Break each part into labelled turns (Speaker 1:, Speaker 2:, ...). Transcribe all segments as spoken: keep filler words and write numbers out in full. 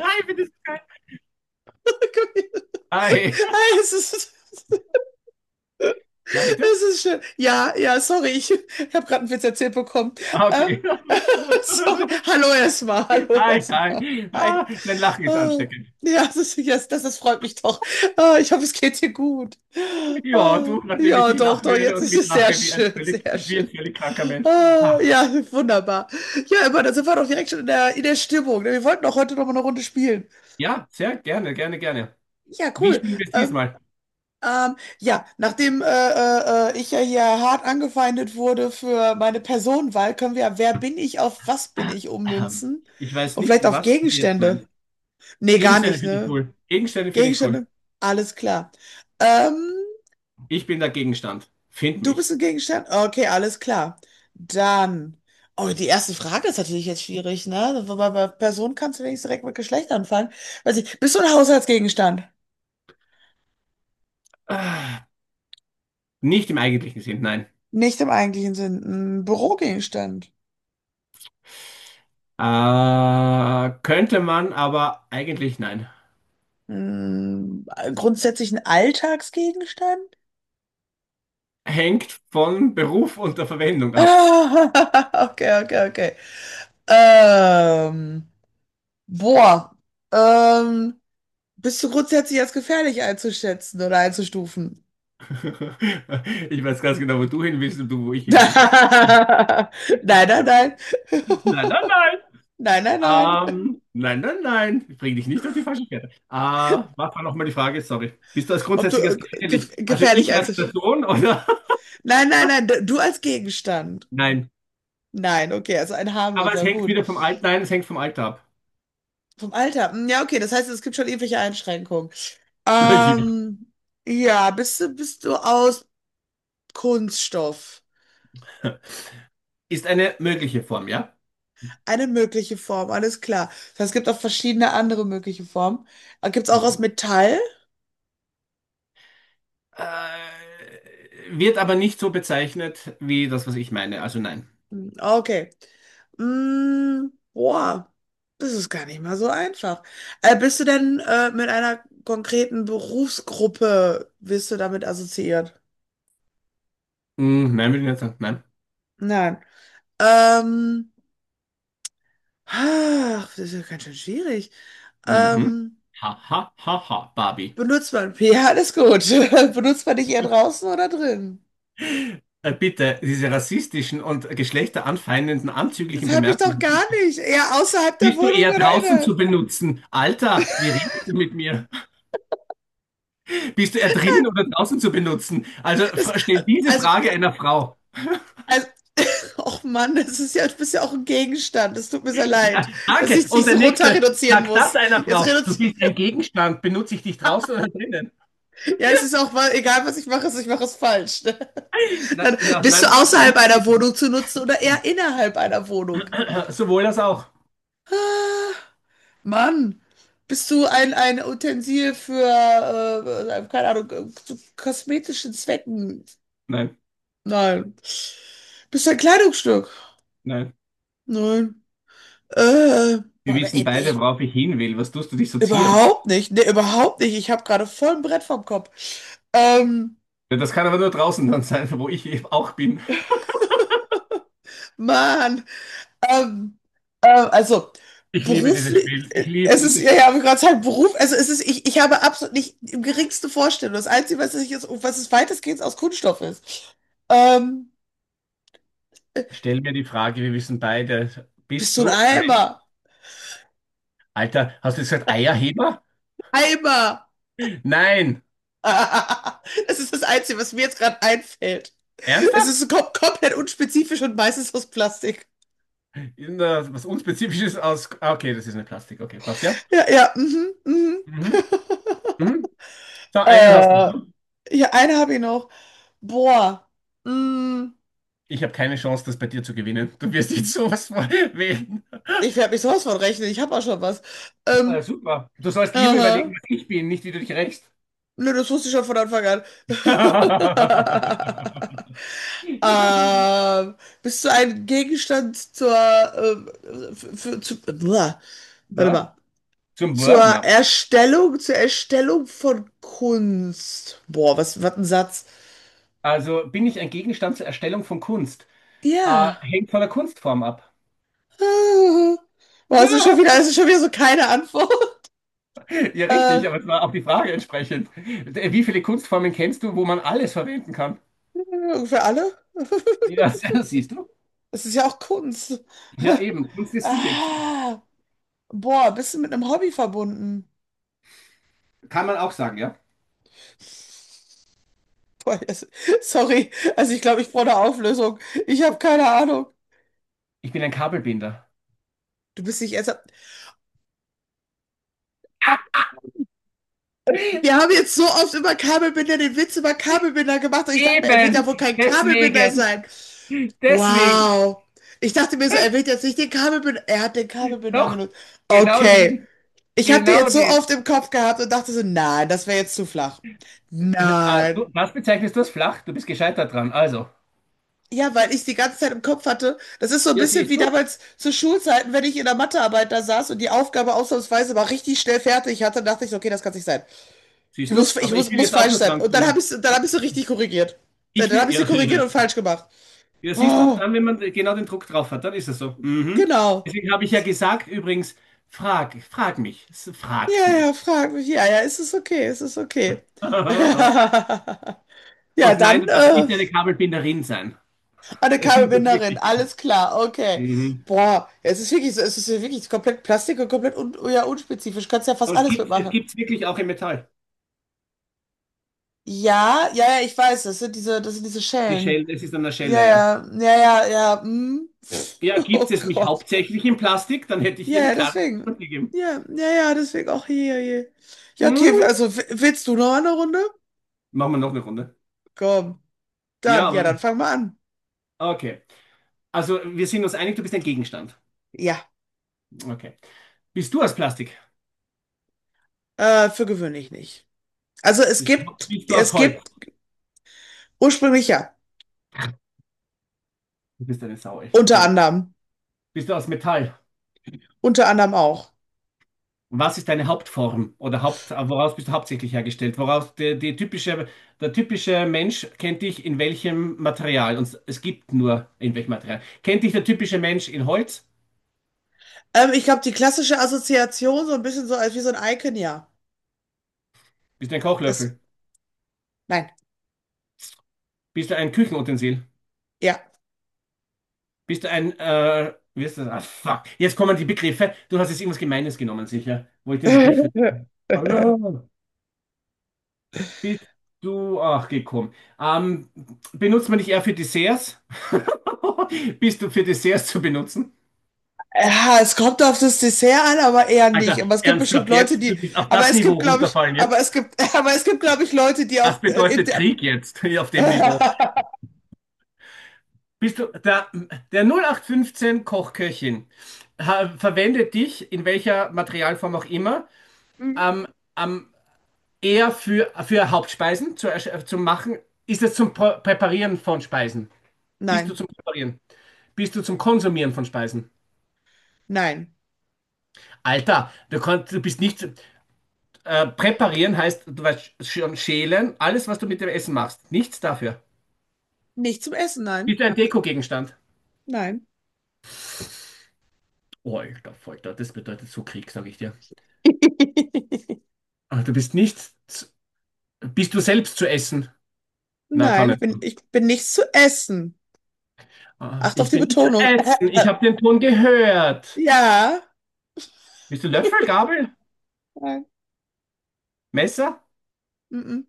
Speaker 1: Hi, bitte. Hi.
Speaker 2: Geil, es ist,
Speaker 1: Ja, bitte?
Speaker 2: es ist schön. Ja, ja, sorry, ich habe gerade einen Witz erzählt bekommen.
Speaker 1: Ah,
Speaker 2: Ähm,
Speaker 1: okay.
Speaker 2: sorry. Hallo erstmal, hallo
Speaker 1: Hi,
Speaker 2: erstmal.
Speaker 1: hi.
Speaker 2: Hi.
Speaker 1: Ah, dein Lachen ist
Speaker 2: Ah,
Speaker 1: ansteckend.
Speaker 2: ja, das ist, yes, das, das freut mich doch. Ah, ich hoffe, es geht dir gut.
Speaker 1: Ja,
Speaker 2: Ah,
Speaker 1: du, nachdem ich
Speaker 2: ja,
Speaker 1: dich
Speaker 2: doch,
Speaker 1: lachen
Speaker 2: doch,
Speaker 1: höre
Speaker 2: jetzt
Speaker 1: und
Speaker 2: ist es sehr
Speaker 1: mitlache wie ein
Speaker 2: schön,
Speaker 1: völlig,
Speaker 2: sehr
Speaker 1: wie
Speaker 2: schön.
Speaker 1: ein völlig kranker Mensch.
Speaker 2: Ah,
Speaker 1: Ah,
Speaker 2: ja, wunderbar. Ja, immer, dann sind wir doch direkt schon in der, in der Stimmung, ne? Wir wollten doch heute noch mal eine Runde spielen.
Speaker 1: ja, sehr gerne, gerne, gerne.
Speaker 2: Ja,
Speaker 1: Wie
Speaker 2: cool.
Speaker 1: spielen wir es
Speaker 2: Ähm,
Speaker 1: diesmal?
Speaker 2: Ähm, ja, nachdem äh, äh, äh, ich ja hier hart angefeindet wurde für meine Personenwahl, können wir ja Wer bin ich auf was bin ich
Speaker 1: Ahem.
Speaker 2: ummünzen?
Speaker 1: Ich weiß
Speaker 2: Und
Speaker 1: nicht,
Speaker 2: vielleicht auf
Speaker 1: was du hier jetzt
Speaker 2: Gegenstände.
Speaker 1: meinst.
Speaker 2: Nee, gar
Speaker 1: Gegenstände
Speaker 2: nicht,
Speaker 1: finde ich
Speaker 2: ne? Mhm.
Speaker 1: cool. Gegenstände finde ich cool.
Speaker 2: Gegenstände? Alles klar. Ähm,
Speaker 1: Ich bin der Gegenstand. Find
Speaker 2: du
Speaker 1: mich.
Speaker 2: bist ein Gegenstand? Okay, alles klar. Dann. Oh, die erste Frage ist natürlich jetzt schwierig, ne? Wobei bei Person kannst du wenigstens direkt mit Geschlecht anfangen. Weiß ich, bist du ein Haushaltsgegenstand?
Speaker 1: Ah, nicht im eigentlichen Sinn, nein.
Speaker 2: Nicht im eigentlichen Sinn. Ein Bürogegenstand.
Speaker 1: Äh, könnte man, aber eigentlich nein.
Speaker 2: Hm, äh, grundsätzlich ein Alltagsgegenstand?
Speaker 1: Hängt von Beruf und der Verwendung ab.
Speaker 2: Okay, okay, okay. Ähm, boah, ähm, bist du grundsätzlich als gefährlich einzuschätzen oder einzustufen?
Speaker 1: Ich weiß ganz genau, wo du hin willst und du, wo ich hin will.
Speaker 2: Nein, nein, nein.
Speaker 1: Nein, nein, nein.
Speaker 2: Nein, nein, nein.
Speaker 1: Ähm, nein, nein, nein. Ich bring dich nicht auf die falsche Fährte. Äh, was war nochmal die Frage? Sorry. Bist du als
Speaker 2: Ob du
Speaker 1: Grundsätzliches
Speaker 2: äh,
Speaker 1: gefährlich?
Speaker 2: gef
Speaker 1: Also
Speaker 2: gefährlich
Speaker 1: ich als
Speaker 2: einzuschätzen?
Speaker 1: Person oder?
Speaker 2: Nein, nein, nein, d- du als Gegenstand.
Speaker 1: Nein.
Speaker 2: Nein, okay, also ein
Speaker 1: Aber es
Speaker 2: harmloser,
Speaker 1: hängt
Speaker 2: gut.
Speaker 1: wieder vom Alter. Nein, es hängt vom Alter ab.
Speaker 2: Vom Alter. Hm, ja, okay, das heißt, es gibt schon irgendwelche Einschränkungen.
Speaker 1: Okay.
Speaker 2: Ähm, ja, bist du, bist du aus Kunststoff?
Speaker 1: Ist eine mögliche Form, ja?
Speaker 2: Eine mögliche Form, alles klar. Das heißt, es gibt auch verschiedene andere mögliche Formen. Gibt es auch aus
Speaker 1: Mhm.
Speaker 2: Metall?
Speaker 1: Äh, Wird aber nicht so bezeichnet wie das, was ich meine. Also nein.
Speaker 2: Hm, okay. Mm, boah, das ist gar nicht mal so einfach. Äh, bist du denn äh, mit einer konkreten Berufsgruppe, bist du damit assoziiert?
Speaker 1: Mm, nein, würde ich nicht sagen. Nein.
Speaker 2: Nein. Ähm, ach, das ist ja ganz schön schwierig.
Speaker 1: Mhm.
Speaker 2: Ähm,
Speaker 1: Ha, ha, ha, ha, Barbie.
Speaker 2: Benutzt man P, alles gut. Benutzt man dich eher draußen oder drin?
Speaker 1: Äh, bitte, diese rassistischen und geschlechteranfeindenden,
Speaker 2: Das
Speaker 1: anzüglichen
Speaker 2: habe ich doch
Speaker 1: Bemerkungen,
Speaker 2: gar nicht. Eher außerhalb der
Speaker 1: bist du
Speaker 2: Wohnung
Speaker 1: eher
Speaker 2: oder
Speaker 1: draußen
Speaker 2: innerhalb.
Speaker 1: zu benutzen? Alter, wie redest du mit mir? Bist du eher drinnen oder draußen zu benutzen? Also
Speaker 2: Das,
Speaker 1: fra- stell diese
Speaker 2: also,
Speaker 1: Frage einer Frau.
Speaker 2: also, och Mann, das ist ja, du bist ja auch ein Gegenstand. Das tut mir sehr leid,
Speaker 1: Na,
Speaker 2: dass
Speaker 1: danke.
Speaker 2: ich
Speaker 1: Und
Speaker 2: dich so
Speaker 1: der
Speaker 2: runter
Speaker 1: nächste,
Speaker 2: reduzieren
Speaker 1: sag das
Speaker 2: muss.
Speaker 1: einer
Speaker 2: Jetzt
Speaker 1: Frau. Du
Speaker 2: reduzieren,
Speaker 1: bist ein Gegenstand. Benutze ich dich draußen oder drinnen?
Speaker 2: ja, es ist auch mal, egal was ich mache, es- ich mache es falsch. Ne?
Speaker 1: Na,
Speaker 2: Dann
Speaker 1: ja,
Speaker 2: bist du
Speaker 1: nein, das geht für
Speaker 2: außerhalb
Speaker 1: mich
Speaker 2: einer
Speaker 1: nicht.
Speaker 2: Wohnung zu nutzen oder eher innerhalb einer Wohnung?
Speaker 1: Sowohl das auch.
Speaker 2: Ah. Mann, bist du ein, ein Utensil für, äh, keine Ahnung, äh, zu kosmetischen Zwecken?
Speaker 1: Nein,
Speaker 2: Nein. Bist du ein Kleidungsstück?
Speaker 1: nein.
Speaker 2: Nein. Äh,
Speaker 1: Wir
Speaker 2: boah,
Speaker 1: wissen
Speaker 2: ich,
Speaker 1: beide,
Speaker 2: ich,
Speaker 1: worauf ich hin will. Was tust du dich sozieren?
Speaker 2: überhaupt nicht. Nee, überhaupt nicht. Ich habe gerade voll ein Brett vom Kopf. Ähm,
Speaker 1: Das kann aber nur draußen dann sein, wo ich auch bin.
Speaker 2: Mann. Ähm, äh, also
Speaker 1: Ich liebe dieses
Speaker 2: beruflich,
Speaker 1: Spiel. Ich
Speaker 2: äh,
Speaker 1: liebe
Speaker 2: es ist,
Speaker 1: dieses
Speaker 2: ja,
Speaker 1: Spiel.
Speaker 2: ja, habe ich gerade gesagt, Beruf, also es ist, ich, ich habe absolut nicht die geringste Vorstellung. Das Einzige, was ich jetzt, was es weitestgehend aus Kunststoff ist. Ähm,
Speaker 1: Stell mir die Frage, wir wissen beide,
Speaker 2: bist
Speaker 1: bist
Speaker 2: du ein
Speaker 1: du ein
Speaker 2: Eimer?
Speaker 1: Alter, hast du gesagt Eierheber?
Speaker 2: Eimer!
Speaker 1: Nein.
Speaker 2: Das ist das Einzige, was mir jetzt gerade einfällt. Es ist
Speaker 1: Ernsthaft?
Speaker 2: so kom komplett unspezifisch und meistens aus Plastik.
Speaker 1: In, äh, was unspezifisches aus. Ah, okay, das ist eine Plastik. Okay, passt ja.
Speaker 2: Ja, ja, mhm, mhm.
Speaker 1: Mhm. Mhm. So, einen hast du.
Speaker 2: Äh, ja, eine habe ich noch. Boah. Mm.
Speaker 1: Ich habe keine Chance, das bei dir zu gewinnen. Du wirst jetzt sowas von wählen.
Speaker 2: Ich werde mich sowas von rechnen. Ich habe auch schon was.
Speaker 1: Äh,
Speaker 2: Ähm,
Speaker 1: super. Du sollst lieber
Speaker 2: aha.
Speaker 1: überlegen, was ich bin, nicht wie du dich rächst.
Speaker 2: Nö, das wusste ich schon von Anfang an. ähm, bist du ein Gegenstand zur, ähm, für, für, zu, Uah. Warte
Speaker 1: Na,
Speaker 2: mal,
Speaker 1: zum
Speaker 2: zur
Speaker 1: Wurf? Na.
Speaker 2: Erstellung, zur Erstellung von Kunst? Boah, was, was ein Satz.
Speaker 1: Also bin ich ein Gegenstand zur Erstellung von Kunst? Äh,
Speaker 2: Ja.
Speaker 1: hängt von der Kunstform ab.
Speaker 2: Ah. Boah, es ist schon wieder, es ist schon wieder so keine Antwort.
Speaker 1: Ja,
Speaker 2: Äh,
Speaker 1: richtig, aber es war auch die Frage entsprechend. Äh, Wie viele Kunstformen kennst du, wo man alles verwenden kann?
Speaker 2: für alle.
Speaker 1: Nee, das, das siehst du?
Speaker 2: Es ist ja auch Kunst.
Speaker 1: Ja, eben. Kunst ist subjektiv.
Speaker 2: Ah, boah, bist du mit einem Hobby verbunden?
Speaker 1: Kann man auch sagen, ja?
Speaker 2: Boah, yes. Sorry, also ich glaube, ich brauche eine Auflösung. Ich habe keine Ahnung.
Speaker 1: Ich bin ein Kabelbinder.
Speaker 2: Du bist nicht ernsthaft. Wir haben jetzt so oft über Kabelbinder den Witz über Kabelbinder gemacht und ich dachte mir, er wird ja
Speaker 1: Eben,
Speaker 2: wohl kein Kabelbinder
Speaker 1: deswegen,
Speaker 2: sein.
Speaker 1: deswegen,
Speaker 2: Wow. Ich dachte mir so, er wird jetzt nicht den Kabelbinder. Er hat den Kabelbinder
Speaker 1: doch,
Speaker 2: genutzt.
Speaker 1: genau
Speaker 2: Okay.
Speaker 1: den,
Speaker 2: Ich habe den
Speaker 1: genau
Speaker 2: jetzt so
Speaker 1: den.
Speaker 2: oft im Kopf gehabt und dachte so, nein, das wäre jetzt zu flach.
Speaker 1: Äh, ah,
Speaker 2: Nein.
Speaker 1: du- Das bezeichnest du als flach, du bist gescheitert dran, also.
Speaker 2: Ja, weil ich die ganze Zeit im Kopf hatte, das ist so ein
Speaker 1: Ja,
Speaker 2: bisschen wie
Speaker 1: siehst du,
Speaker 2: damals zu Schulzeiten, wenn ich in der Mathearbeit da saß und die Aufgabe ausnahmsweise mal richtig schnell fertig hatte, dachte ich, so, okay, das kann nicht sein. Ich
Speaker 1: siehst du,
Speaker 2: muss, ich
Speaker 1: aber ich
Speaker 2: muss,
Speaker 1: will
Speaker 2: muss
Speaker 1: jetzt auch
Speaker 2: falsch
Speaker 1: nur
Speaker 2: sein.
Speaker 1: dran
Speaker 2: Und dann habe ich,
Speaker 1: kommen.
Speaker 2: dann habe ich sie richtig korrigiert. Äh,
Speaker 1: Ich
Speaker 2: Dann
Speaker 1: will,
Speaker 2: habe ich sie
Speaker 1: ja,
Speaker 2: korrigiert und falsch gemacht.
Speaker 1: ja, siehst du,
Speaker 2: Oh,
Speaker 1: dann, wenn man genau den Druck drauf hat, dann ist es so. Mhm.
Speaker 2: genau.
Speaker 1: Deswegen habe ich ja gesagt, übrigens, frag, frag mich, S- frag's
Speaker 2: Ja, ja,
Speaker 1: mich.
Speaker 2: frag mich. Ja, ja, es ist okay, es ist okay. Ja,
Speaker 1: Und nein,
Speaker 2: dann,
Speaker 1: du darfst
Speaker 2: äh,
Speaker 1: nicht eine Kabelbinderin sein.
Speaker 2: eine
Speaker 1: Das ist
Speaker 2: Kabelbinderin,
Speaker 1: wirklich-
Speaker 2: alles klar, okay.
Speaker 1: Mhm.
Speaker 2: Boah, es ist wirklich so, es ist ja wirklich komplett Plastik und komplett un, ja, unspezifisch. Kannst ja fast
Speaker 1: Und es
Speaker 2: alles
Speaker 1: gibt, es
Speaker 2: mitmachen.
Speaker 1: gibt's wirklich auch im Metall.
Speaker 2: Ja, ja, ja, ich weiß, das sind diese, das sind diese
Speaker 1: Die
Speaker 2: Schellen.
Speaker 1: Schelle, es ist an der
Speaker 2: Ja,
Speaker 1: Schelle, ja.
Speaker 2: ja, ja, ja, ja. Hm.
Speaker 1: Ja, gibt's
Speaker 2: Oh
Speaker 1: es mich
Speaker 2: Gott.
Speaker 1: hauptsächlich in Plastik, dann hätte ich dir
Speaker 2: Ja,
Speaker 1: eine
Speaker 2: ja,
Speaker 1: klare
Speaker 2: deswegen.
Speaker 1: Antwort gegeben.
Speaker 2: Ja, ja, ja, deswegen auch hier, hier. Ja, okay,
Speaker 1: Mhm.
Speaker 2: also w- willst du noch eine Runde?
Speaker 1: Machen wir noch eine Runde.
Speaker 2: Komm.
Speaker 1: Ja,
Speaker 2: Dann, ja,
Speaker 1: aber
Speaker 2: dann fang mal an.
Speaker 1: okay. Also, wir sind uns einig, du bist ein Gegenstand.
Speaker 2: Ja,
Speaker 1: Okay. Bist du aus Plastik?
Speaker 2: äh, für gewöhnlich nicht. Also es
Speaker 1: Bist du,
Speaker 2: gibt,
Speaker 1: bist du aus
Speaker 2: es
Speaker 1: Holz?
Speaker 2: gibt ursprünglich ja,
Speaker 1: Du bist eine Sau, echt.
Speaker 2: unter
Speaker 1: Entschuldigung.
Speaker 2: anderem.
Speaker 1: Bist du aus Metall?
Speaker 2: Unter anderem auch.
Speaker 1: Was ist deine Hauptform oder Haupt, äh, woraus bist du hauptsächlich hergestellt? Woraus die, die typische, der typische Mensch kennt dich in welchem Material? Und es gibt nur in welchem Material. Kennt dich der typische Mensch in Holz?
Speaker 2: Ähm, ich glaube, die klassische Assoziation, so ein bisschen so als wie so ein Icon, ja.
Speaker 1: Bist du ein
Speaker 2: Es,
Speaker 1: Kochlöffel?
Speaker 2: nein,
Speaker 1: Bist du ein Küchenutensil?
Speaker 2: ja.
Speaker 1: Bist du ein, äh, wie ist das? Ah, fuck. Jetzt kommen die Begriffe. Du hast jetzt irgendwas Gemeines genommen, sicher. Wo ich den Begriff nicht. Hallo. Bist du, ach, gekommen. Ähm, Benutzt man dich eher für Desserts? Bist du für Desserts zu benutzen?
Speaker 2: Ja, es kommt auf das Dessert an, aber eher nicht.
Speaker 1: Alter,
Speaker 2: Aber es gibt bestimmt
Speaker 1: ernsthaft
Speaker 2: Leute,
Speaker 1: jetzt? Du
Speaker 2: die,
Speaker 1: bist auf
Speaker 2: aber
Speaker 1: das
Speaker 2: es
Speaker 1: Niveau
Speaker 2: gibt, glaube ich,
Speaker 1: runterfallen
Speaker 2: aber
Speaker 1: jetzt?
Speaker 2: es gibt, aber es gibt, glaube ich, Leute, die
Speaker 1: Das
Speaker 2: auch äh, in
Speaker 1: bedeutet
Speaker 2: der,
Speaker 1: Krieg jetzt, hier auf dem Niveau. Bist du der, der null acht fünfzehn Kochköchin ha, verwendet dich, in welcher Materialform auch immer,
Speaker 2: hm,
Speaker 1: ähm, ähm, eher für, für Hauptspeisen zu, ersch- äh, zu machen? Ist es zum Prä- Präparieren von Speisen? Bist du
Speaker 2: nein,
Speaker 1: zum Präparieren? Bist du zum Konsumieren von Speisen?
Speaker 2: nein.
Speaker 1: Alter, du kannst, du bist nicht, äh, präparieren heißt, du weißt schon schälen, alles, was du mit dem Essen machst. Nichts dafür.
Speaker 2: Nicht zum Essen, nein.
Speaker 1: Bist du ein Dekogegenstand?
Speaker 2: Nein.
Speaker 1: Oh, alter Falter, das bedeutet so Krieg, sag ich dir. Aber du bist nicht, z- bist du selbst zu essen? Na, kann
Speaker 2: Nein, ich
Speaker 1: nicht
Speaker 2: bin,
Speaker 1: sein.
Speaker 2: ich bin nichts zu essen.
Speaker 1: Ah,
Speaker 2: Acht auf
Speaker 1: ich
Speaker 2: die
Speaker 1: bin nicht zu
Speaker 2: Betonung.
Speaker 1: essen, ich habe den Ton gehört.
Speaker 2: Ja.
Speaker 1: Bist du Löffel, Gabel,
Speaker 2: Nein.
Speaker 1: Messer,
Speaker 2: Mhm.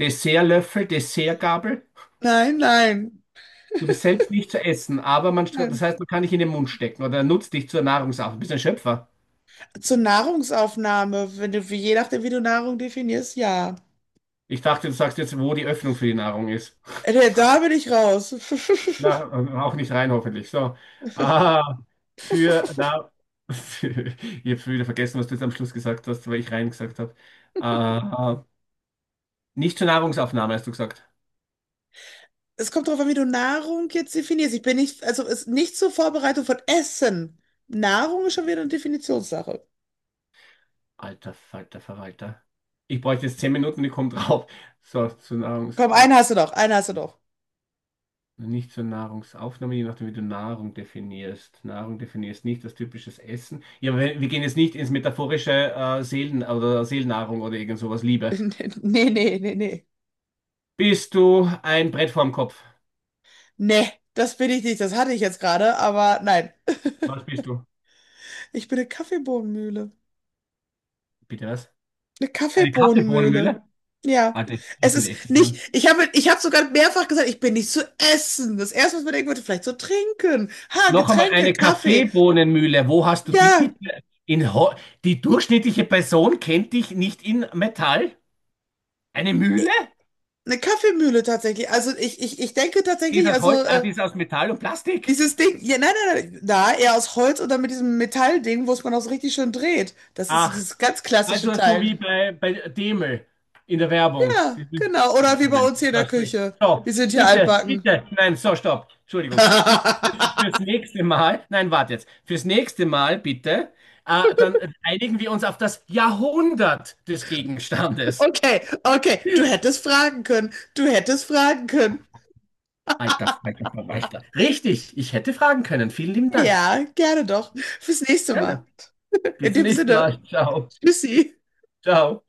Speaker 1: Dessertlöffel, Dessertgabel?
Speaker 2: Nein, nein.
Speaker 1: Du bist selbst nicht zu essen, aber man, stra- das
Speaker 2: Nein.
Speaker 1: heißt, man kann dich in den Mund stecken oder nutzt dich zur Nahrungsaufnahme. Du bist ein Schöpfer.
Speaker 2: Zur Nahrungsaufnahme, wenn du, wie- je nachdem, wie du Nahrung definierst, ja.
Speaker 1: Ich dachte, du sagst jetzt, wo die Öffnung für die Nahrung ist.
Speaker 2: Äh, da bin ich raus.
Speaker 1: Na, auch nicht rein, hoffentlich. So. Ah, für, na, ich habe schon wieder vergessen, was du jetzt am Schluss gesagt hast, weil ich rein gesagt habe. Ah, nicht zur Nahrungsaufnahme, hast du gesagt.
Speaker 2: Es kommt darauf an, wie du Nahrung jetzt definierst. Ich bin nicht, also ist nicht zur Vorbereitung von Essen. Nahrung ist schon wieder eine Definitionssache.
Speaker 1: Alter Falter Verwalter. Ich bräuchte jetzt zehn Minuten, ich komme drauf. So, zur
Speaker 2: Komm,
Speaker 1: Nahrungsauf.
Speaker 2: einen hast du doch, einen hast du doch.
Speaker 1: Nicht zur Nahrungsaufnahme, je nachdem, wie du Nahrung definierst. Nahrung definierst nicht als typisches Essen. Ja, wir wir gehen jetzt nicht ins metaphorische äh, Seelen- oder Seelennahrung oder irgend sowas, Liebe.
Speaker 2: Nee, nee, nee, nee.
Speaker 1: Bist du ein Brett vorm Kopf?
Speaker 2: Nee, das bin ich nicht. Das hatte ich jetzt gerade, aber nein.
Speaker 1: Was bist du?
Speaker 2: Ich bin eine Kaffeebohnenmühle.
Speaker 1: Bitte was?
Speaker 2: Eine
Speaker 1: Eine
Speaker 2: Kaffeebohnenmühle.
Speaker 1: Kaffeebohnenmühle?
Speaker 2: Ja.
Speaker 1: Warte, ich, ich
Speaker 2: Es
Speaker 1: tue die
Speaker 2: ist
Speaker 1: extra
Speaker 2: nicht,
Speaker 1: dran.
Speaker 2: ich habe, ich habe sogar mehrfach gesagt, ich bin nicht zu essen. Das erste, was man denken würde, vielleicht zu trinken. Ha,
Speaker 1: Noch einmal
Speaker 2: Getränke,
Speaker 1: eine
Speaker 2: Kaffee.
Speaker 1: Kaffeebohnenmühle. Wo hast du die
Speaker 2: Ja,
Speaker 1: bitte? In Ho die durchschnittliche Person kennt dich nicht in Metall? Eine
Speaker 2: eh,
Speaker 1: Mühle?
Speaker 2: eine Kaffeemühle tatsächlich. Also ich, ich, ich denke
Speaker 1: Die ist
Speaker 2: tatsächlich,
Speaker 1: aus
Speaker 2: also
Speaker 1: Holz, ah,
Speaker 2: äh,
Speaker 1: die ist aus Metall und Plastik.
Speaker 2: dieses Ding, ja, nein, nein, nein, na, eher aus Holz oder mit diesem Metallding, wo es man auch so richtig schön dreht. Das ist so
Speaker 1: Ach,
Speaker 2: dieses ganz klassische
Speaker 1: also so
Speaker 2: Teil.
Speaker 1: wie bei, bei Demel in der Werbung.
Speaker 2: Ja,
Speaker 1: Dieses-
Speaker 2: genau.
Speaker 1: Ja,
Speaker 2: Oder wie
Speaker 1: ich
Speaker 2: bei uns hier
Speaker 1: mein,
Speaker 2: in der
Speaker 1: was soll ich-
Speaker 2: Küche.
Speaker 1: So,
Speaker 2: Wir sind hier
Speaker 1: bitte,
Speaker 2: altbacken.
Speaker 1: bitte, nein, so, stopp, Entschuldigung. Bitte fürs, fürs nächste Mal, nein, warte jetzt, fürs nächste Mal bitte, äh, dann einigen wir uns auf das Jahrhundert des Gegenstandes.
Speaker 2: Okay, okay. Du hättest fragen können. Du hättest fragen können.
Speaker 1: Alter Falter Verwalter. Richtig, ich hätte fragen können. Vielen lieben Dank.
Speaker 2: Ja, gerne doch. Fürs nächste Mal.
Speaker 1: Gerne. Bis
Speaker 2: In
Speaker 1: zum
Speaker 2: dem
Speaker 1: nächsten
Speaker 2: Sinne,
Speaker 1: Mal. Ciao.
Speaker 2: tschüssi.
Speaker 1: Ciao.